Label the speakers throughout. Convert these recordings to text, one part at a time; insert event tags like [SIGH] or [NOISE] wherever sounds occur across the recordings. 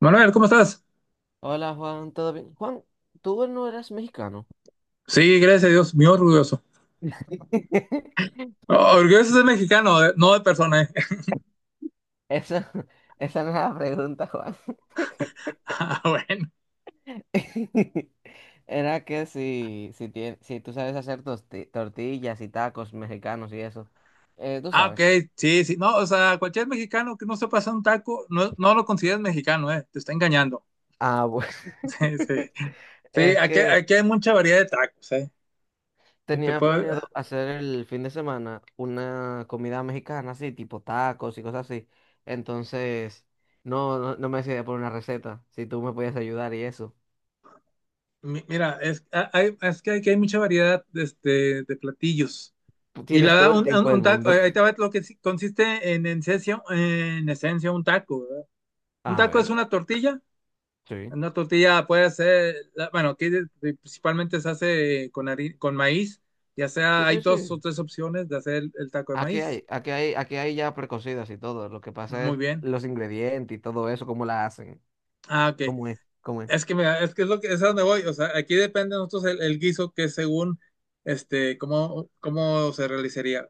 Speaker 1: Manuel, ¿cómo estás?
Speaker 2: Hola Juan, ¿todo bien? Juan, ¿tú no eres mexicano?
Speaker 1: Sí, gracias a Dios, muy orgulloso.
Speaker 2: [LAUGHS]
Speaker 1: Oh, orgulloso de mexicano, no de persona, eh. [LAUGHS]
Speaker 2: Esa, esa no era la pregunta, Juan.
Speaker 1: Ah, bueno.
Speaker 2: [LAUGHS] Era que si tú sabes hacer tortillas y tacos mexicanos y eso. Tú
Speaker 1: Ah, ok,
Speaker 2: sabes.
Speaker 1: sí, sí. No, o sea, cualquier mexicano que no se pasa un taco, no, no lo consideras mexicano, eh. Te está engañando.
Speaker 2: Ah, bueno.
Speaker 1: [LAUGHS] Sí, sí.
Speaker 2: [LAUGHS]
Speaker 1: Sí,
Speaker 2: Es
Speaker 1: aquí,
Speaker 2: que
Speaker 1: aquí hay mucha variedad de tacos, eh. Y te
Speaker 2: tenía
Speaker 1: puedo-
Speaker 2: planeado hacer el fin de semana una comida mexicana, así, tipo tacos y cosas así. Entonces, no me decidí por una receta, si tú me puedes ayudar y eso.
Speaker 1: Mira, es que aquí hay mucha variedad de, de platillos. Y la
Speaker 2: Tienes
Speaker 1: verdad,
Speaker 2: todo el tiempo del
Speaker 1: un taco,
Speaker 2: mundo.
Speaker 1: ahí te
Speaker 2: [LAUGHS]
Speaker 1: va consiste en esencia un taco, ¿verdad? Un
Speaker 2: A
Speaker 1: taco es
Speaker 2: ver,
Speaker 1: una tortilla.
Speaker 2: sí.
Speaker 1: Una tortilla puede ser, bueno, aquí principalmente se hace con, con maíz, ya sea,
Speaker 2: Sí,
Speaker 1: hay
Speaker 2: sí, sí.
Speaker 1: dos o tres opciones de hacer el taco de maíz.
Speaker 2: Aquí hay ya precocidas y todo. Lo que pasa
Speaker 1: Muy
Speaker 2: es
Speaker 1: bien.
Speaker 2: los ingredientes y todo eso, cómo la hacen.
Speaker 1: Ah, ok.
Speaker 2: ¿Cómo es?
Speaker 1: Es que mira, es que es lo que es a donde voy. O sea, aquí depende de nosotros el guiso que según cómo, cómo se realizaría.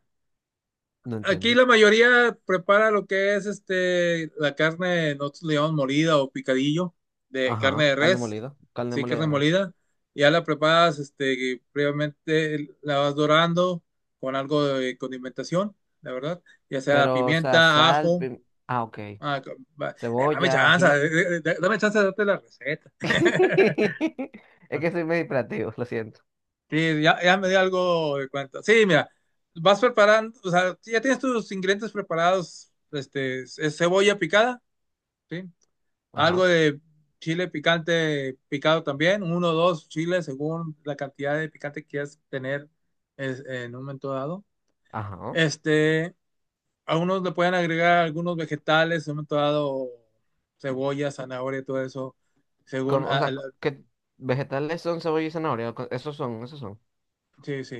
Speaker 2: No
Speaker 1: Aquí
Speaker 2: entiendo.
Speaker 1: la mayoría prepara lo que es este, la carne, nosotros le llamamos molida o picadillo, de carne
Speaker 2: Ajá,
Speaker 1: de res,
Speaker 2: carne
Speaker 1: sí,
Speaker 2: molida
Speaker 1: carne
Speaker 2: de res.
Speaker 1: molida. Ya la preparas, este, previamente la vas dorando con algo de condimentación, la verdad, ya sea
Speaker 2: Pero, o sea,
Speaker 1: pimienta, ajo.
Speaker 2: ah, ok.
Speaker 1: Dame
Speaker 2: Cebolla,
Speaker 1: chance,
Speaker 2: ají.
Speaker 1: dame chance de darte la receta. [LAUGHS]
Speaker 2: [LAUGHS] Es que soy medio hiperactivo, lo siento.
Speaker 1: Sí, ya, ya me di algo de cuenta. Sí, mira, vas preparando, o sea, si ya tienes tus ingredientes preparados, este, es cebolla picada, ¿sí? Algo
Speaker 2: Ajá,
Speaker 1: de chile picante picado también, uno o dos chiles según la cantidad de picante que quieras tener en un momento dado.
Speaker 2: ajá.
Speaker 1: Este, a unos le pueden agregar algunos vegetales, en un momento dado, cebolla, zanahoria, todo eso, según,
Speaker 2: Como, o sea, ¿qué vegetales son cebolla y zanahoria? Esos son, esos son.
Speaker 1: sí, sí.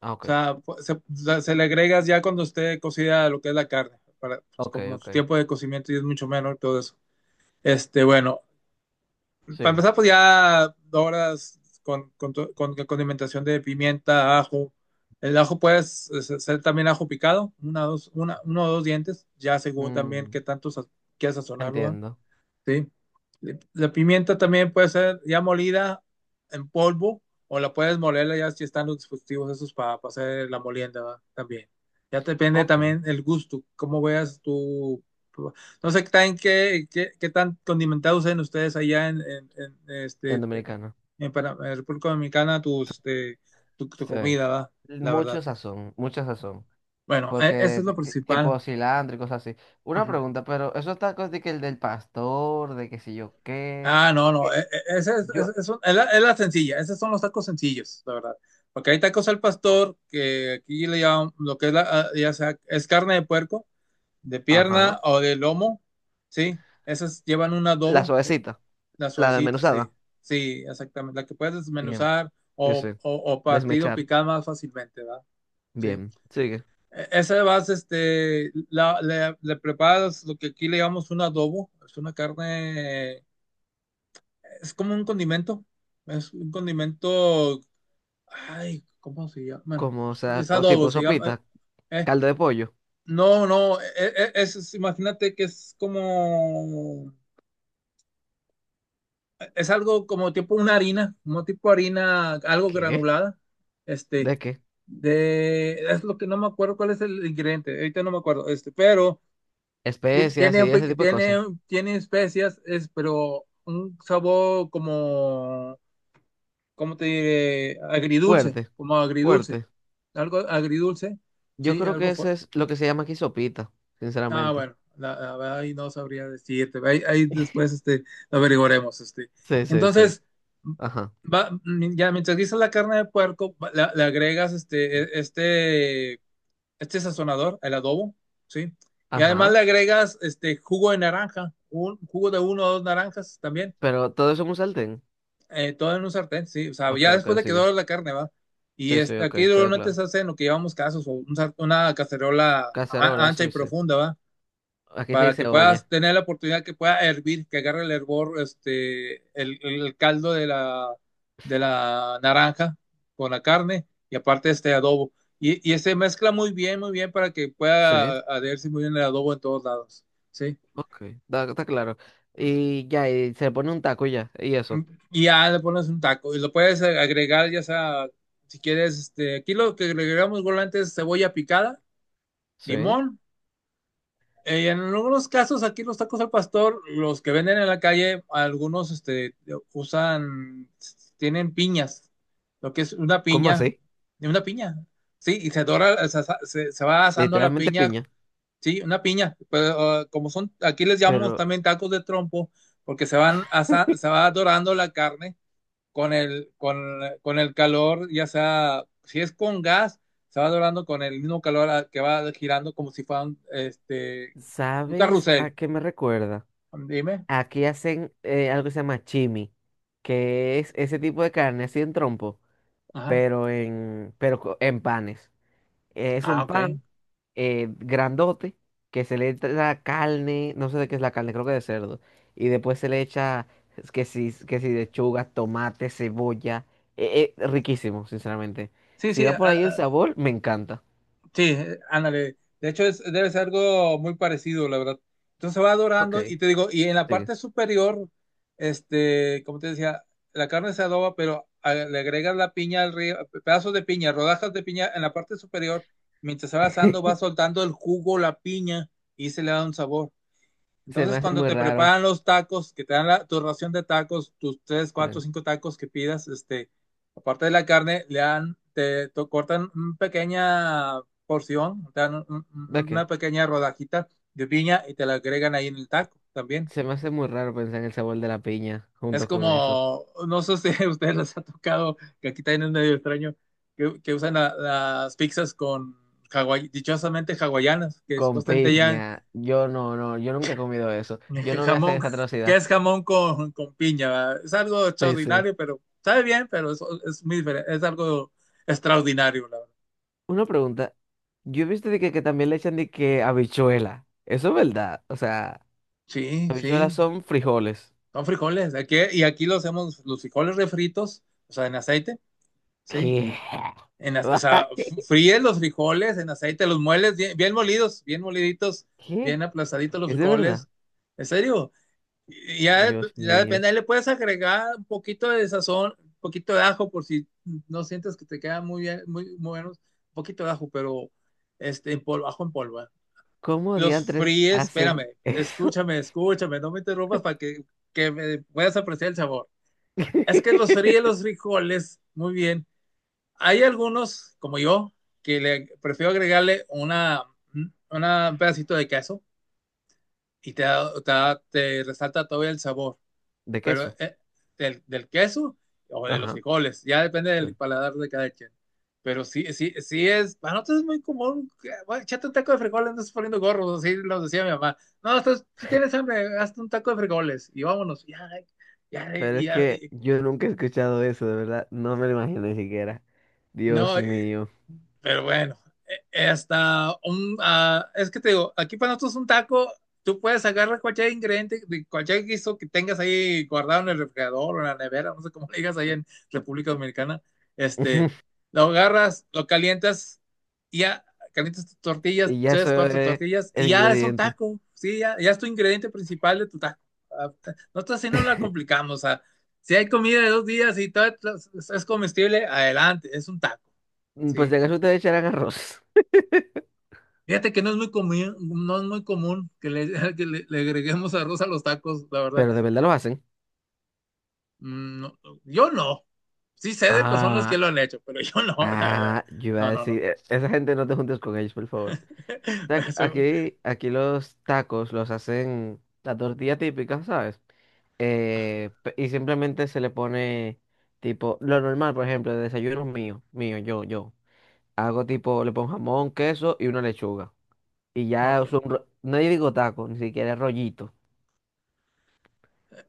Speaker 2: Ah,
Speaker 1: O
Speaker 2: ok.
Speaker 1: sea, se le agregas ya cuando esté cocida lo que es la carne, para, pues, como su
Speaker 2: Ok.
Speaker 1: tiempo de cocimiento y es mucho menos y todo eso. Este, bueno, para
Speaker 2: Sigue.
Speaker 1: empezar, pues ya doras con condimentación de pimienta, ajo. El ajo puedes ser también ajo picado, uno o dos dientes, ya según también
Speaker 2: Mm.
Speaker 1: quieras sazonarlo, ¿va?
Speaker 2: Entiendo.
Speaker 1: ¿Sí? La pimienta también puede ser ya molida en polvo o la puedes molerla ya si están los dispositivos esos para hacer la molienda, ¿verdad? También. Ya depende
Speaker 2: Ok.
Speaker 1: también el gusto, cómo veas tú. No sé qué tan condimentados sean ustedes allá en este,
Speaker 2: En
Speaker 1: en,
Speaker 2: dominicano.
Speaker 1: en en República Dominicana tus, este, tu
Speaker 2: Sí.
Speaker 1: comida, ¿verdad? La verdad.
Speaker 2: Mucho sazón.
Speaker 1: Bueno, eso
Speaker 2: Porque
Speaker 1: es lo principal.
Speaker 2: tipo cilantro y cosas así. Una
Speaker 1: Ujú.
Speaker 2: pregunta, pero esos tacos de que el del pastor, de que si yo qué.
Speaker 1: Ah, no, no,
Speaker 2: Que Yo.
Speaker 1: es un- es la sencilla, esos son los tacos sencillos, la verdad. Porque hay tacos al pastor, que aquí le llaman lo que es la, ah, ya sea, es carne de puerco, de pierna
Speaker 2: Ajá.
Speaker 1: o de lomo, ¿sí? Esas llevan un
Speaker 2: La
Speaker 1: adobo,
Speaker 2: suavecita.
Speaker 1: las
Speaker 2: La
Speaker 1: suavecitas, sí,
Speaker 2: desmenuzada.
Speaker 1: sí, exactamente, la que puedes
Speaker 2: Bien.
Speaker 1: desmenuzar
Speaker 2: Sí, sí.
Speaker 1: o partido
Speaker 2: Desmechar.
Speaker 1: picar más fácilmente, ¿verdad? Sí.
Speaker 2: Bien. Sigue.
Speaker 1: Esa vas, le preparas lo que aquí le llamamos un adobo, es una carne, es como un condimento, es un condimento, ay, ¿cómo se llama? Bueno,
Speaker 2: Como, o
Speaker 1: pues,
Speaker 2: sea,
Speaker 1: es adobo,
Speaker 2: tipo
Speaker 1: se
Speaker 2: sopita.
Speaker 1: llama. Eh,
Speaker 2: Caldo de pollo.
Speaker 1: no, no, Es, imagínate que es como, es algo como tipo una harina, como tipo harina, algo
Speaker 2: ¿Qué?
Speaker 1: granulada, este,
Speaker 2: ¿De qué?
Speaker 1: es lo que no me acuerdo cuál es el ingrediente, ahorita no me acuerdo, este, pero
Speaker 2: Especias
Speaker 1: tiene,
Speaker 2: y ese tipo de cosas.
Speaker 1: tiene especias, es, pero un sabor como ¿cómo te diré? Agridulce,
Speaker 2: Fuerte.
Speaker 1: como agridulce,
Speaker 2: Fuerte.
Speaker 1: algo agridulce,
Speaker 2: Yo
Speaker 1: sí,
Speaker 2: creo
Speaker 1: algo
Speaker 2: que
Speaker 1: fue.
Speaker 2: eso es lo que se llama aquí sopita,
Speaker 1: Ah,
Speaker 2: sinceramente.
Speaker 1: bueno, la verdad ahí no sabría decirte, ahí
Speaker 2: [LAUGHS]
Speaker 1: después este, lo averiguaremos. Este.
Speaker 2: Sí, sí, sí.
Speaker 1: Entonces,
Speaker 2: Ajá,
Speaker 1: va- ya mientras guisas la carne de puerco, le agregas este, este sazonador, el adobo, ¿sí? Y además
Speaker 2: ajá.
Speaker 1: le agregas este jugo de naranja, un jugo de uno o dos naranjas también.
Speaker 2: Pero todo eso es un sartén.
Speaker 1: Todo en un sartén, sí. O sea,
Speaker 2: Ok,
Speaker 1: ya
Speaker 2: ok,
Speaker 1: después de que
Speaker 2: sí.
Speaker 1: dora la carne, va. Y
Speaker 2: Sí, sí, ok,
Speaker 1: aquí
Speaker 2: quedó
Speaker 1: normalmente
Speaker 2: claro.
Speaker 1: se hace en lo que llamamos casos, o una cacerola
Speaker 2: Cacerola,
Speaker 1: ancha y
Speaker 2: sí, sí.
Speaker 1: profunda, va.
Speaker 2: Aquí se
Speaker 1: Para que
Speaker 2: dice olla.
Speaker 1: puedas tener la oportunidad que pueda hervir, que agarre el hervor, este, el caldo de la naranja con la carne y aparte este adobo. Y se mezcla muy bien para que
Speaker 2: Sí,
Speaker 1: pueda adherirse muy bien el adobo en todos lados, sí.
Speaker 2: ok, está, está claro. Y ya, y se pone un taco y ya, y
Speaker 1: Mm,
Speaker 2: eso.
Speaker 1: y ya le pones un taco y lo puedes agregar, ya sea, si quieres, este, aquí lo que agregamos regularmente es cebolla picada,
Speaker 2: Sí.
Speaker 1: limón. Eh, en algunos casos, aquí los tacos al pastor, los que venden en la calle, algunos este, usan, tienen piñas, lo que es
Speaker 2: ¿Cómo así?
Speaker 1: una piña, sí, y se dora, se va asando la
Speaker 2: Literalmente
Speaker 1: piña,
Speaker 2: piña.
Speaker 1: sí, una piña, pero, como son, aquí les llamamos
Speaker 2: Pero,
Speaker 1: también tacos de trompo, porque
Speaker 2: [LAUGHS]
Speaker 1: se va dorando la carne con el calor, ya sea, si es con gas, se va dorando con el mismo calor que va girando como si fuera un, este, un
Speaker 2: ¿sabes a
Speaker 1: carrusel.
Speaker 2: qué me recuerda?
Speaker 1: Dime.
Speaker 2: Aquí hacen algo que se llama chimi, que es ese tipo de carne así en trompo.
Speaker 1: Ajá.
Speaker 2: Pero en, en panes. Es
Speaker 1: Ah,
Speaker 2: un
Speaker 1: ok.
Speaker 2: pan grandote que se le echa carne, no sé de qué es la carne, creo que de cerdo. Y después se le echa es que si lechuga, tomate, cebolla. Riquísimo, sinceramente.
Speaker 1: Sí,
Speaker 2: Si
Speaker 1: sí,
Speaker 2: va por ahí el sabor, me encanta.
Speaker 1: sí, ándale. De hecho, es, debe ser algo muy parecido, la verdad. Entonces va
Speaker 2: Ok.
Speaker 1: dorando y te digo, y en la
Speaker 2: Sigue.
Speaker 1: parte superior, este, como te decía, la carne se adoba, pero le agregas la piña al río, pedazos de piña, rodajas de piña en la parte superior, mientras se va asando, va
Speaker 2: [LAUGHS]
Speaker 1: soltando el jugo, la piña, y se le da un sabor.
Speaker 2: Se me
Speaker 1: Entonces,
Speaker 2: hace
Speaker 1: cuando
Speaker 2: muy
Speaker 1: te
Speaker 2: raro.
Speaker 1: preparan los tacos, que te dan la, tu ración de tacos, tus tres, cuatro,
Speaker 2: Sí.
Speaker 1: cinco tacos que pidas, este, aparte de la carne, le dan, te cortan una pequeña porción, te dan
Speaker 2: ¿De qué?
Speaker 1: una pequeña rodajita de piña y te la agregan ahí en el taco también.
Speaker 2: Se me hace muy raro pensar en el sabor de la piña
Speaker 1: Es
Speaker 2: junto con eso.
Speaker 1: como, no sé si a ustedes les ha tocado, que aquí también es medio extraño, que usan las pizzas con dichosamente hawaianas, que
Speaker 2: Con
Speaker 1: supuestamente ya
Speaker 2: piña. Yo no, no, yo nunca he comido eso. Yo no voy a hacer
Speaker 1: Jamón,
Speaker 2: esa
Speaker 1: ¿qué
Speaker 2: atrocidad.
Speaker 1: es jamón con piña? ¿va? Es algo
Speaker 2: Sí, sí.
Speaker 1: extraordinario, pero sabe bien, pero es muy diferente, es algo extraordinario, la verdad.
Speaker 2: Una pregunta. Yo he visto que también le echan de que habichuela. Eso es verdad. O sea,
Speaker 1: Sí,
Speaker 2: habichuelas
Speaker 1: sí,
Speaker 2: son frijoles.
Speaker 1: son frijoles. Aquí, y aquí los hacemos, los frijoles refritos, o sea, en aceite, ¿sí?
Speaker 2: ¿Qué?
Speaker 1: En, o sea,
Speaker 2: [LAUGHS]
Speaker 1: fríes los frijoles en aceite, los mueles bien, bien molidos, bien moliditos,
Speaker 2: ¿Qué?
Speaker 1: bien aplastaditos los
Speaker 2: ¿Es de verdad?
Speaker 1: frijoles. ¿En serio? Y ya,
Speaker 2: Dios
Speaker 1: ya
Speaker 2: mío.
Speaker 1: depende, ahí le puedes agregar un poquito de sazón, un poquito de ajo por si no sientes que te quedan muy bien, muy, muy buenos, un poquito de ajo, pero este, en polvo, ajo en polvo. ¿Eh?
Speaker 2: ¿Cómo
Speaker 1: Los
Speaker 2: diantres
Speaker 1: fríes, espérame,
Speaker 2: hacen eso?
Speaker 1: escúchame, escúchame, no me interrumpas para que me puedas apreciar el sabor. Es que los fríes
Speaker 2: [LAUGHS]
Speaker 1: los frijoles, muy bien. Hay algunos, como yo, que le prefiero agregarle una un pedacito de queso y te resalta todavía el sabor.
Speaker 2: De
Speaker 1: Pero
Speaker 2: queso.
Speaker 1: queso o de los
Speaker 2: Ajá.
Speaker 1: frijoles, ya depende del
Speaker 2: Sí.
Speaker 1: paladar de cada quien. Pero sí, sí, sí es, para nosotros es muy común, que, bueno, échate un taco de frijoles, no estás poniendo gorros, así nos decía mi mamá. No, estás, si tienes hambre, hazte un taco de frijoles y vámonos, ya, ya,
Speaker 2: Pero es
Speaker 1: ya,
Speaker 2: que
Speaker 1: ya.
Speaker 2: yo nunca he escuchado eso, de verdad. No me lo imagino ni siquiera. Dios
Speaker 1: no,
Speaker 2: mío.
Speaker 1: Pero bueno, es que te digo, aquí para nosotros un taco, tú puedes agarrar cualquier ingrediente, cualquier guiso que tengas ahí guardado en el refrigerador o en la nevera, no sé cómo le digas ahí en República Dominicana, este,
Speaker 2: [LAUGHS]
Speaker 1: lo agarras, lo calientas, y ya calientas tus tortillas,
Speaker 2: Y ya
Speaker 1: tres,
Speaker 2: eso
Speaker 1: cuatro
Speaker 2: es
Speaker 1: tortillas,
Speaker 2: el
Speaker 1: y ya es un
Speaker 2: ingrediente.
Speaker 1: taco, sí, ya, ya es tu ingrediente principal de tu taco. Ah, nosotros así no la
Speaker 2: [LAUGHS]
Speaker 1: complicamos, o sea, si hay comida de dos días y todo es comestible, adelante, es un taco,
Speaker 2: Pues de
Speaker 1: sí.
Speaker 2: acaso ustedes echarán arroz.
Speaker 1: Fíjate que no es muy común, no es muy común [LAUGHS] que le agreguemos arroz a los tacos, la verdad.
Speaker 2: Pero de verdad lo hacen.
Speaker 1: Mm, no, yo no. Sí sé de personas que
Speaker 2: Ah,
Speaker 1: lo han hecho, pero yo no, [LAUGHS] la verdad.
Speaker 2: ah, yo iba a
Speaker 1: No, no, no.
Speaker 2: decir, "E- esa gente no te juntes con ellos, por favor. O
Speaker 1: [LAUGHS]
Speaker 2: sea,
Speaker 1: Eso-
Speaker 2: aquí los tacos los hacen la tortilla típica, ¿sabes? Y simplemente se le pone tipo, lo normal, por ejemplo, de desayuno yo. Hago tipo, le pongo jamón, queso y una lechuga. Y ya
Speaker 1: ok.
Speaker 2: uso un, no digo taco, ni siquiera rollito,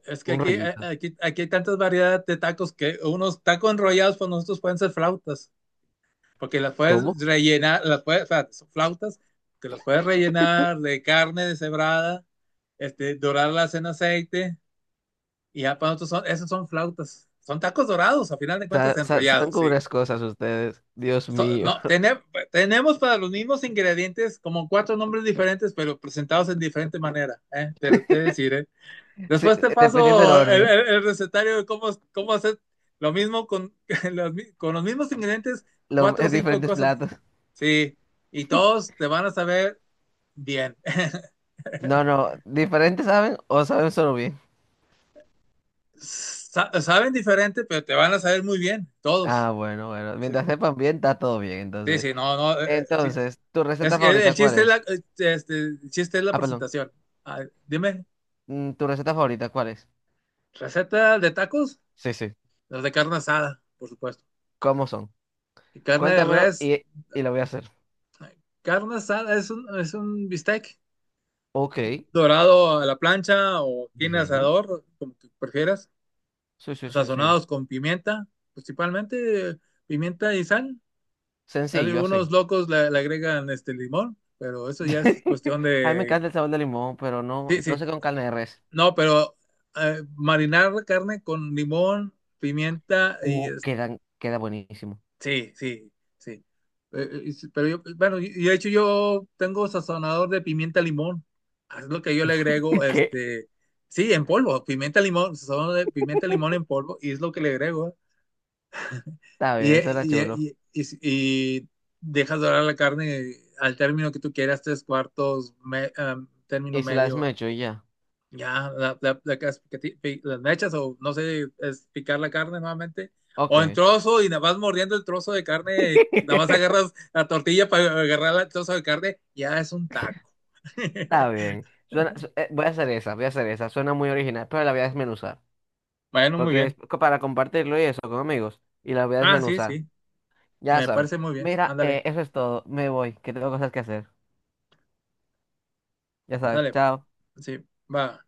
Speaker 1: Es que
Speaker 2: un
Speaker 1: aquí,
Speaker 2: rollito.
Speaker 1: aquí hay tantas variedades de tacos que unos tacos enrollados para nosotros pueden ser flautas, porque las puedes
Speaker 2: ¿Cómo?
Speaker 1: rellenar, las puedes, o sea, son flautas, que las puedes rellenar de carne deshebrada, este, dorarlas en aceite. Y ya para nosotros son, esos son flautas. Son tacos dorados, a final de cuentas
Speaker 2: Saben
Speaker 1: enrollados,
Speaker 2: con
Speaker 1: sí.
Speaker 2: unas cosas ustedes, Dios
Speaker 1: So-
Speaker 2: mío.
Speaker 1: no,
Speaker 2: [LAUGHS]
Speaker 1: tene- Tenemos para los mismos ingredientes como cuatro nombres diferentes, pero presentados en diferente manera, ¿eh? Te lo te decir, ¿eh?
Speaker 2: Sí,
Speaker 1: Después te
Speaker 2: dependiendo del
Speaker 1: paso
Speaker 2: orden.
Speaker 1: el recetario de cómo, cómo hacer lo mismo con [LAUGHS] los, con los mismos ingredientes,
Speaker 2: Lo, [LAUGHS]
Speaker 1: cuatro o cinco
Speaker 2: diferentes
Speaker 1: cosas.
Speaker 2: platos.
Speaker 1: Sí, y todos te van a saber bien. [LAUGHS]
Speaker 2: No, no, ¿diferentes saben o saben solo bien?
Speaker 1: Saben diferente, pero te van a saber muy bien, todos.
Speaker 2: Ah, bueno, bueno.
Speaker 1: Sí,
Speaker 2: Mientras
Speaker 1: sí.
Speaker 2: sepan bien, está todo bien,
Speaker 1: Sí,
Speaker 2: entonces.
Speaker 1: sí, no, no. Eh, sí.
Speaker 2: Entonces, ¿tu
Speaker 1: Es
Speaker 2: receta
Speaker 1: que
Speaker 2: favorita
Speaker 1: el
Speaker 2: cuál
Speaker 1: chiste es la,
Speaker 2: es?
Speaker 1: este, el chiste es la
Speaker 2: Ah, perdón.
Speaker 1: presentación. Ah, dime,
Speaker 2: Mm, ¿tu receta favorita cuál es?
Speaker 1: ¿receta de tacos?
Speaker 2: Sí, sí.
Speaker 1: Los de carne asada, por supuesto.
Speaker 2: ¿Cómo son?
Speaker 1: Y carne de
Speaker 2: Cuéntamelo
Speaker 1: res.
Speaker 2: y lo voy a hacer.
Speaker 1: Eh, carne asada es es un bistec
Speaker 2: Ok,
Speaker 1: dorado a la plancha o tiene
Speaker 2: bien.
Speaker 1: asador, como tú prefieras.
Speaker 2: Sí, sí, sí, sí.
Speaker 1: Sazonados con pimienta, principalmente pimienta y sal.
Speaker 2: Sencillo,
Speaker 1: Algunos
Speaker 2: así.
Speaker 1: locos le agregan este limón, pero eso ya es
Speaker 2: [LAUGHS]
Speaker 1: cuestión
Speaker 2: A mí me
Speaker 1: de...
Speaker 2: encanta el sabor de limón, pero no,
Speaker 1: Sí,
Speaker 2: no
Speaker 1: sí,
Speaker 2: sé con carne de res.
Speaker 1: no, pero marinar la carne con limón, pimienta
Speaker 2: Queda buenísimo.
Speaker 1: sí, sí, sí. Sí, pero yo, bueno, y de hecho yo tengo sazonador de pimienta limón. Es lo que yo le agrego,
Speaker 2: [LAUGHS] ¿Qué?
Speaker 1: este, sí, en polvo, pimienta limón, sazonador de pimienta limón en polvo y es lo que le agrego.
Speaker 2: Está bien, será chulo.
Speaker 1: Y dejas dorar la carne al término que tú quieras, tres cuartos, término
Speaker 2: Y si la
Speaker 1: medio.
Speaker 2: desmecho y ya.
Speaker 1: La las mechas o no sé, es picar la carne nuevamente. O en
Speaker 2: Ok.
Speaker 1: trozo y nada más mordiendo el trozo de
Speaker 2: [LAUGHS]
Speaker 1: carne, nada más
Speaker 2: Está
Speaker 1: agarras la tortilla para agarrar el trozo de carne, ya es un taco. [LAUGHS]
Speaker 2: bien. Voy a hacer esa, voy a hacer esa. Suena muy original, pero la voy a desmenuzar.
Speaker 1: Bueno, muy
Speaker 2: Porque es
Speaker 1: bien.
Speaker 2: para compartirlo y eso con amigos. Y la voy a
Speaker 1: Ah, sí,
Speaker 2: desmenuzar.
Speaker 1: sí,
Speaker 2: Ya
Speaker 1: me
Speaker 2: sabes.
Speaker 1: parece muy bien.
Speaker 2: Mira,
Speaker 1: Ándale,
Speaker 2: eso es todo. Me voy, que tengo cosas que hacer. Ya sabes.
Speaker 1: ándale.
Speaker 2: Chao.
Speaker 1: Sí, va.